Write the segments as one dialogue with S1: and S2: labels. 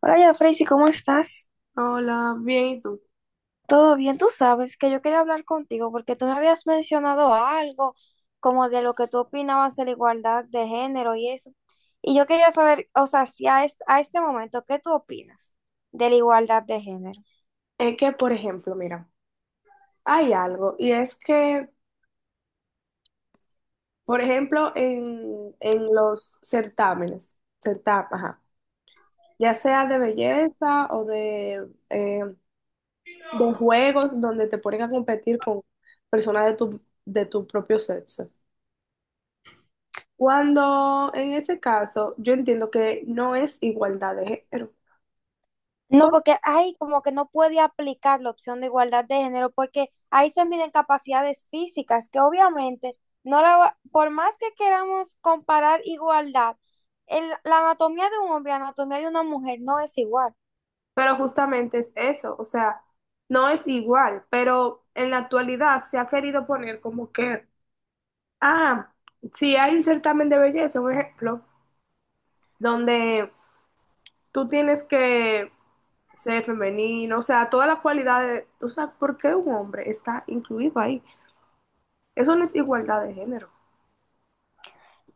S1: Hola, ya, Freisy, ¿cómo estás?
S2: Hola, bien, ¿y tú?
S1: Todo bien, tú sabes que yo quería hablar contigo porque tú me habías mencionado algo como de lo que tú opinabas de la igualdad de género y eso. Y yo quería saber, o sea, si a, a este momento, ¿qué tú opinas de la igualdad de género?
S2: Es que, por ejemplo, mira, hay algo, y es que, por ejemplo, en los certámenes, certámenes, ajá, ya sea de belleza o de juegos donde te ponen a competir con personas de tu propio sexo. Cuando en ese caso, yo entiendo que no es igualdad de género,
S1: No,
S2: ¿por?
S1: porque ahí como que no puede aplicar la opción de igualdad de género, porque ahí se miden capacidades físicas, que obviamente no la va- por más que queramos comparar igualdad, la anatomía de un hombre y la anatomía de una mujer no es igual.
S2: Pero justamente es eso, o sea, no es igual, pero en la actualidad se ha querido poner como que... Ah, si hay un certamen de belleza, un ejemplo, donde tú tienes que ser femenino, o sea, todas las cualidades, o sea, ¿por qué un hombre está incluido ahí? Eso no es igualdad de género.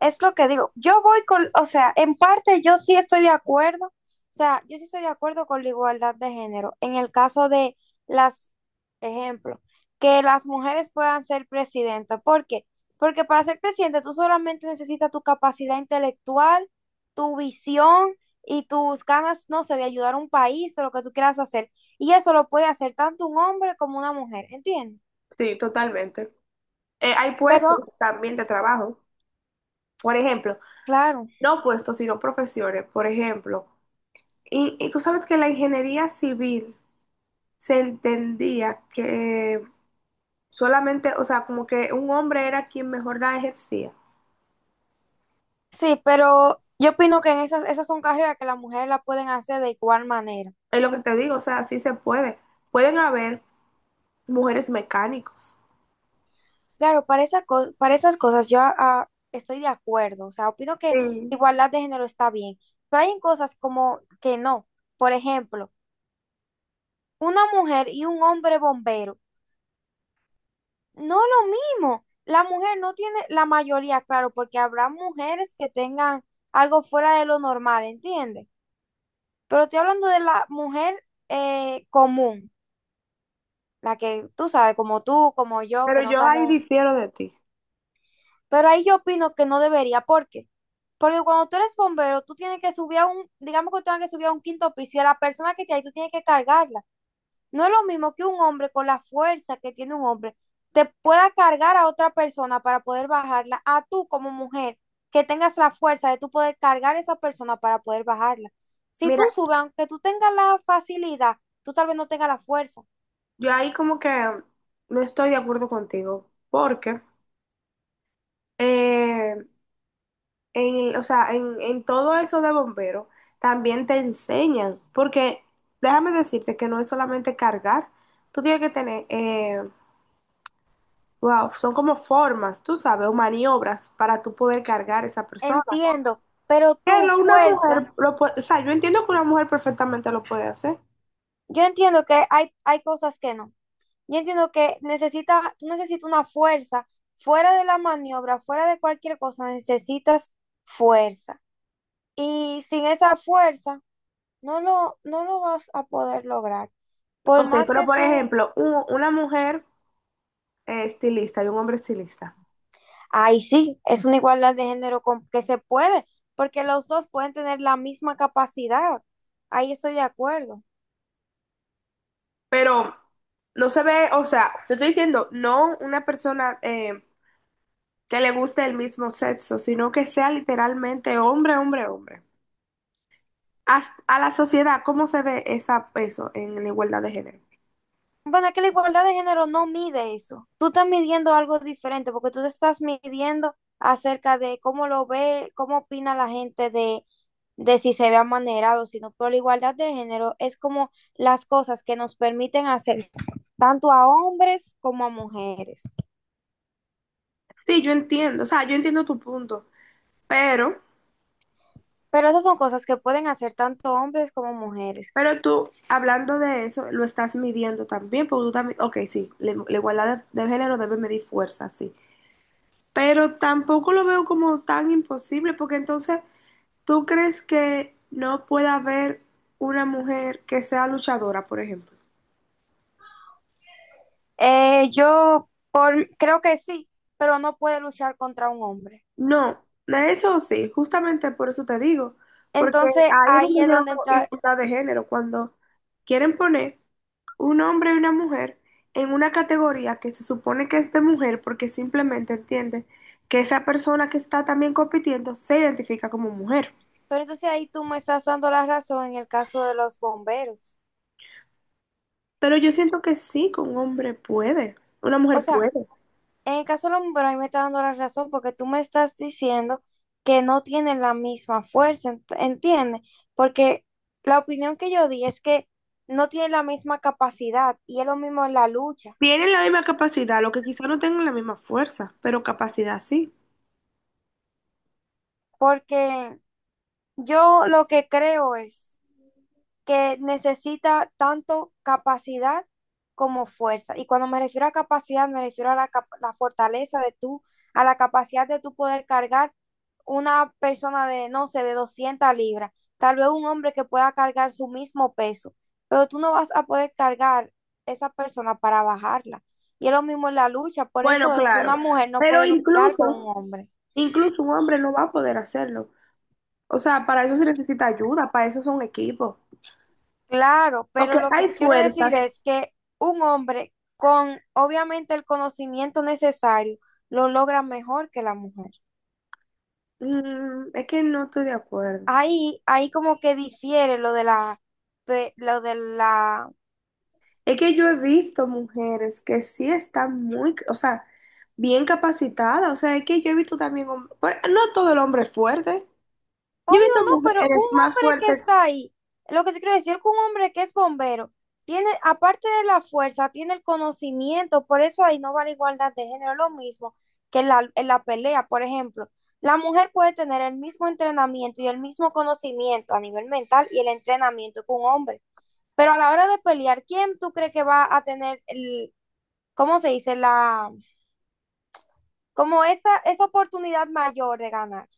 S1: Es lo que digo. Yo voy con, o sea, en parte yo sí estoy de acuerdo, o sea, yo sí estoy de acuerdo con la igualdad de género. En el caso de las, ejemplo, que las mujeres puedan ser presidentas. ¿Por qué? Porque para ser presidente tú solamente necesitas tu capacidad intelectual, tu visión y tus ganas, no sé, de ayudar a un país, de lo que tú quieras hacer. Y eso lo puede hacer tanto un hombre como una mujer, ¿entiendes?
S2: Sí, totalmente. Hay
S1: Pero,
S2: puestos también de trabajo, por ejemplo,
S1: claro.
S2: no puestos, sino profesiones, por ejemplo. Y tú sabes que la ingeniería civil se entendía que solamente, o sea, como que un hombre era quien mejor la ejercía.
S1: Sí, pero yo opino que en esas, esas son carreras que las mujeres la pueden hacer de igual manera.
S2: Es lo que te digo, o sea, sí se puede. Pueden haber mujeres mecánicos.
S1: Claro, para para esas cosas yo estoy de acuerdo, o sea, opino que
S2: Sí,
S1: igualdad de género está bien, pero hay en cosas como que no. Por ejemplo, una mujer y un hombre bombero, no lo mismo. La mujer no tiene la mayoría, claro, porque habrá mujeres que tengan algo fuera de lo normal, ¿entiendes? Pero estoy hablando de la mujer común. La que tú sabes, como tú, como yo, que
S2: pero
S1: no
S2: yo ahí
S1: estamos...
S2: difiero de ti.
S1: Pero ahí yo opino que no debería, ¿por qué? Porque cuando tú eres bombero, tú tienes que subir a un, digamos que tú tienes que subir a un quinto piso y a la persona que está ahí tú tienes que cargarla. No es lo mismo que un hombre con la fuerza que tiene un hombre te pueda cargar a otra persona para poder bajarla, a tú como mujer, que tengas la fuerza de tú poder cargar a esa persona para poder bajarla. Si tú
S2: Mira,
S1: subes, aunque tú tengas la facilidad, tú tal vez no tengas la fuerza.
S2: yo ahí como que no estoy de acuerdo contigo, porque eh, en, o sea, en todo eso de bombero también te enseñan, porque déjame decirte que no es solamente cargar, tú tienes que tener, wow, son como formas, tú sabes, o maniobras para tú poder cargar esa persona.
S1: Entiendo, pero tu
S2: Pero una
S1: fuerza
S2: mujer, lo pu- o sea, yo entiendo que una mujer perfectamente lo puede hacer.
S1: yo entiendo que hay cosas que no. Yo entiendo que necesita, tú necesitas una fuerza fuera de la maniobra, fuera de cualquier cosa, necesitas fuerza. Y sin esa fuerza, no lo vas a poder lograr. Por
S2: Ok,
S1: más
S2: pero
S1: que
S2: por
S1: tú,
S2: ejemplo, u- una mujer estilista y un hombre estilista.
S1: ahí sí, es una igualdad de género con, que se puede, porque los dos pueden tener la misma capacidad. Ahí estoy de acuerdo.
S2: Pero no se ve, o sea, te estoy diciendo, no una persona que le guste el mismo sexo, sino que sea literalmente hombre, hombre, hombre. As- a la sociedad, ¿cómo se ve esa, eso en la igualdad de género?
S1: Bueno, que la igualdad de género no mide eso. Tú estás midiendo algo diferente porque tú te estás midiendo acerca de cómo lo ve, cómo opina la gente de si se ve amanerado, sino pero la igualdad de género es como las cosas que nos permiten hacer tanto a hombres como a mujeres.
S2: Sí, yo entiendo, o sea, yo entiendo tu punto, pero...
S1: Pero esas son cosas que pueden hacer tanto hombres como mujeres.
S2: Pero tú, hablando de eso, lo estás midiendo también, porque tú también, ok, sí, la igualdad de género debe medir fuerza, sí, pero tampoco lo veo como tan imposible, porque entonces, ¿tú crees que no pueda haber una mujer que sea luchadora, por ejemplo?
S1: Yo por, creo que sí, pero no puede luchar contra un hombre.
S2: No, de eso sí, justamente por eso te digo, porque
S1: Entonces
S2: ahí es
S1: ahí
S2: donde
S1: es
S2: yo no
S1: donde
S2: veo
S1: entra.
S2: igualdad de género, cuando quieren poner un hombre y una mujer en una categoría que se supone que es de mujer porque simplemente entiende que esa persona que está también compitiendo se identifica como mujer.
S1: Pero entonces ahí tú me estás dando la razón en el caso de los bomberos.
S2: Pero yo siento que sí, que un hombre puede, una
S1: O
S2: mujer
S1: sea,
S2: puede.
S1: en el caso de los bomberos ahí me estás dando la razón porque tú me estás diciendo que no tienen la misma fuerza, ¿entiendes? Porque la opinión que yo di es que no tienen la misma capacidad y es lo mismo en la lucha.
S2: Tienen la misma capacidad, lo que quizá no tengan la misma fuerza, pero capacidad sí.
S1: Porque yo lo que creo es que necesita tanto capacidad como fuerza. Y cuando me refiero a capacidad, me refiero a la, la fortaleza de tú, a la capacidad de tú poder cargar una persona de, no sé, de 200 libras, tal vez un hombre que pueda cargar su mismo peso, pero tú no vas a poder cargar esa persona para bajarla. Y es lo mismo en la lucha, por
S2: Bueno,
S1: eso es que
S2: claro.
S1: una mujer no
S2: Pero
S1: puede luchar con un
S2: incluso,
S1: hombre.
S2: incluso un hombre no va a poder hacerlo. O sea, para eso se necesita ayuda, para eso son equipos.
S1: Claro, pero
S2: Porque
S1: lo que
S2: hay
S1: te quiero decir
S2: fuerzas.
S1: es que un hombre con obviamente el conocimiento necesario lo logra mejor que la mujer.
S2: Mm, es que no estoy de acuerdo.
S1: Ahí como que difiere lo de la, lo de la.
S2: Es que yo he visto mujeres que sí están muy, o sea, bien capacitadas. O sea, es que yo he visto también, hom- bueno, no todo el hombre es fuerte. Yo he visto
S1: Obvio no, pero un
S2: mujeres más
S1: hombre que
S2: fuertes.
S1: está ahí, lo que te quiero decir es que un hombre que es bombero, tiene, aparte de la fuerza, tiene el conocimiento, por eso ahí no va la igualdad de género, lo mismo que en la pelea, por ejemplo. La mujer puede tener el mismo entrenamiento y el mismo conocimiento a nivel mental y el entrenamiento que un hombre, pero a la hora de pelear, ¿quién tú crees que va a tener el, ¿cómo se dice? La, como esa oportunidad mayor de ganar.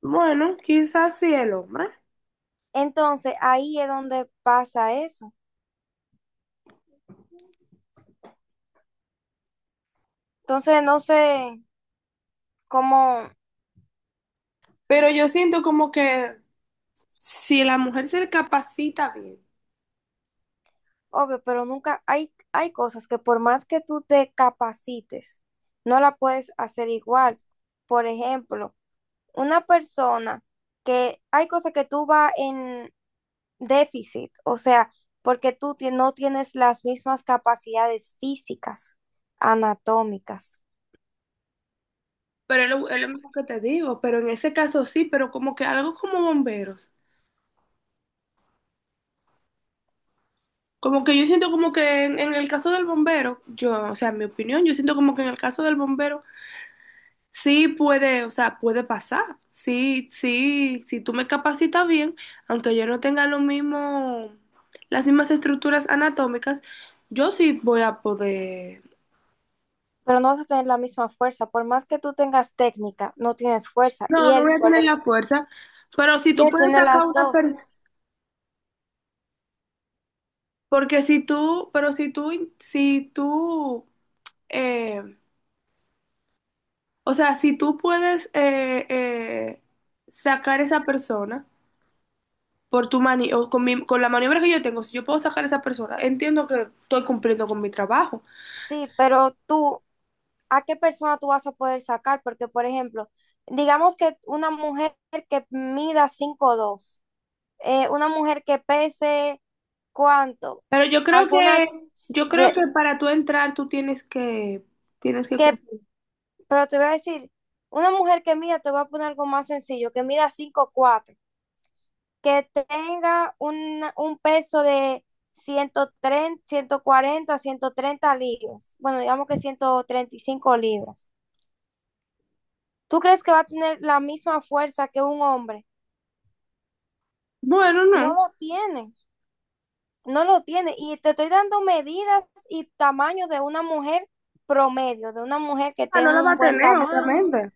S2: Bueno, quizás sí el hombre.
S1: Entonces, ahí es donde pasa eso. Entonces, no sé cómo,
S2: Pero yo siento como que si la mujer se capacita bien.
S1: obvio, pero nunca hay, hay cosas que por más que tú te capacites, no la puedes hacer igual. Por ejemplo, una persona que hay cosas que tú vas en déficit, o sea, porque no tienes las mismas capacidades físicas, anatómicas,
S2: Pero es lo mismo que te digo, pero en ese caso sí, pero como que algo como bomberos. Como que yo siento como que en el caso del bombero, yo, o sea, en mi opinión, yo siento como que en el caso del bombero sí puede, o sea, puede pasar. Sí, sí, si tú me capacitas bien, aunque yo no tenga lo mismo, las mismas estructuras anatómicas, yo sí voy a poder.
S1: pero no vas a tener la misma fuerza. Por más que tú tengas técnica, no tienes fuerza.
S2: No, no voy a tener la fuerza, pero si
S1: Y
S2: tú
S1: él
S2: puedes
S1: tiene
S2: sacar
S1: las
S2: una
S1: dos.
S2: persona, porque si tú, pero si tú, si tú, eh, o sea, si tú puedes sacar esa persona. Por tu mani o con, mi- con la maniobra que yo tengo, si yo puedo sacar a esa persona, entiendo que estoy cumpliendo con mi trabajo.
S1: Sí, pero tú a qué persona tú vas a poder sacar, porque por ejemplo, digamos que una mujer que mida 5'2, una mujer que pese cuánto,
S2: Pero
S1: algunas
S2: yo creo
S1: de,
S2: que para tú entrar, tú tienes que
S1: que,
S2: cumplir.
S1: pero te voy a decir, una mujer que mida, te voy a poner algo más sencillo, que mida 5'4" que tenga un peso de ciento 130 140 130 libras, bueno, digamos que 135 libras. ¿Tú crees que va a tener la misma fuerza que un hombre?
S2: Bueno,
S1: No
S2: no.
S1: lo tiene, no lo tiene. Y te estoy dando medidas y tamaño de una mujer promedio, de una mujer que
S2: Ah, no
S1: tenga
S2: la va
S1: un
S2: a
S1: buen
S2: tener,
S1: tamaño.
S2: obviamente.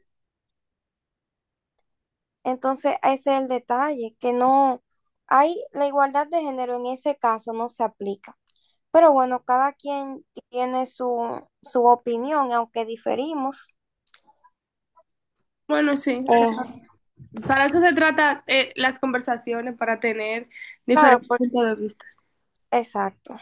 S1: Entonces, ese es el detalle, que no hay la igualdad de género en ese caso, no se aplica. Pero bueno, cada quien tiene su, su opinión, aunque diferimos.
S2: Bueno, sí.
S1: Eh,
S2: Para eso se trata las conversaciones, para tener
S1: claro,
S2: diferentes puntos
S1: porque,
S2: de vista.
S1: exacto.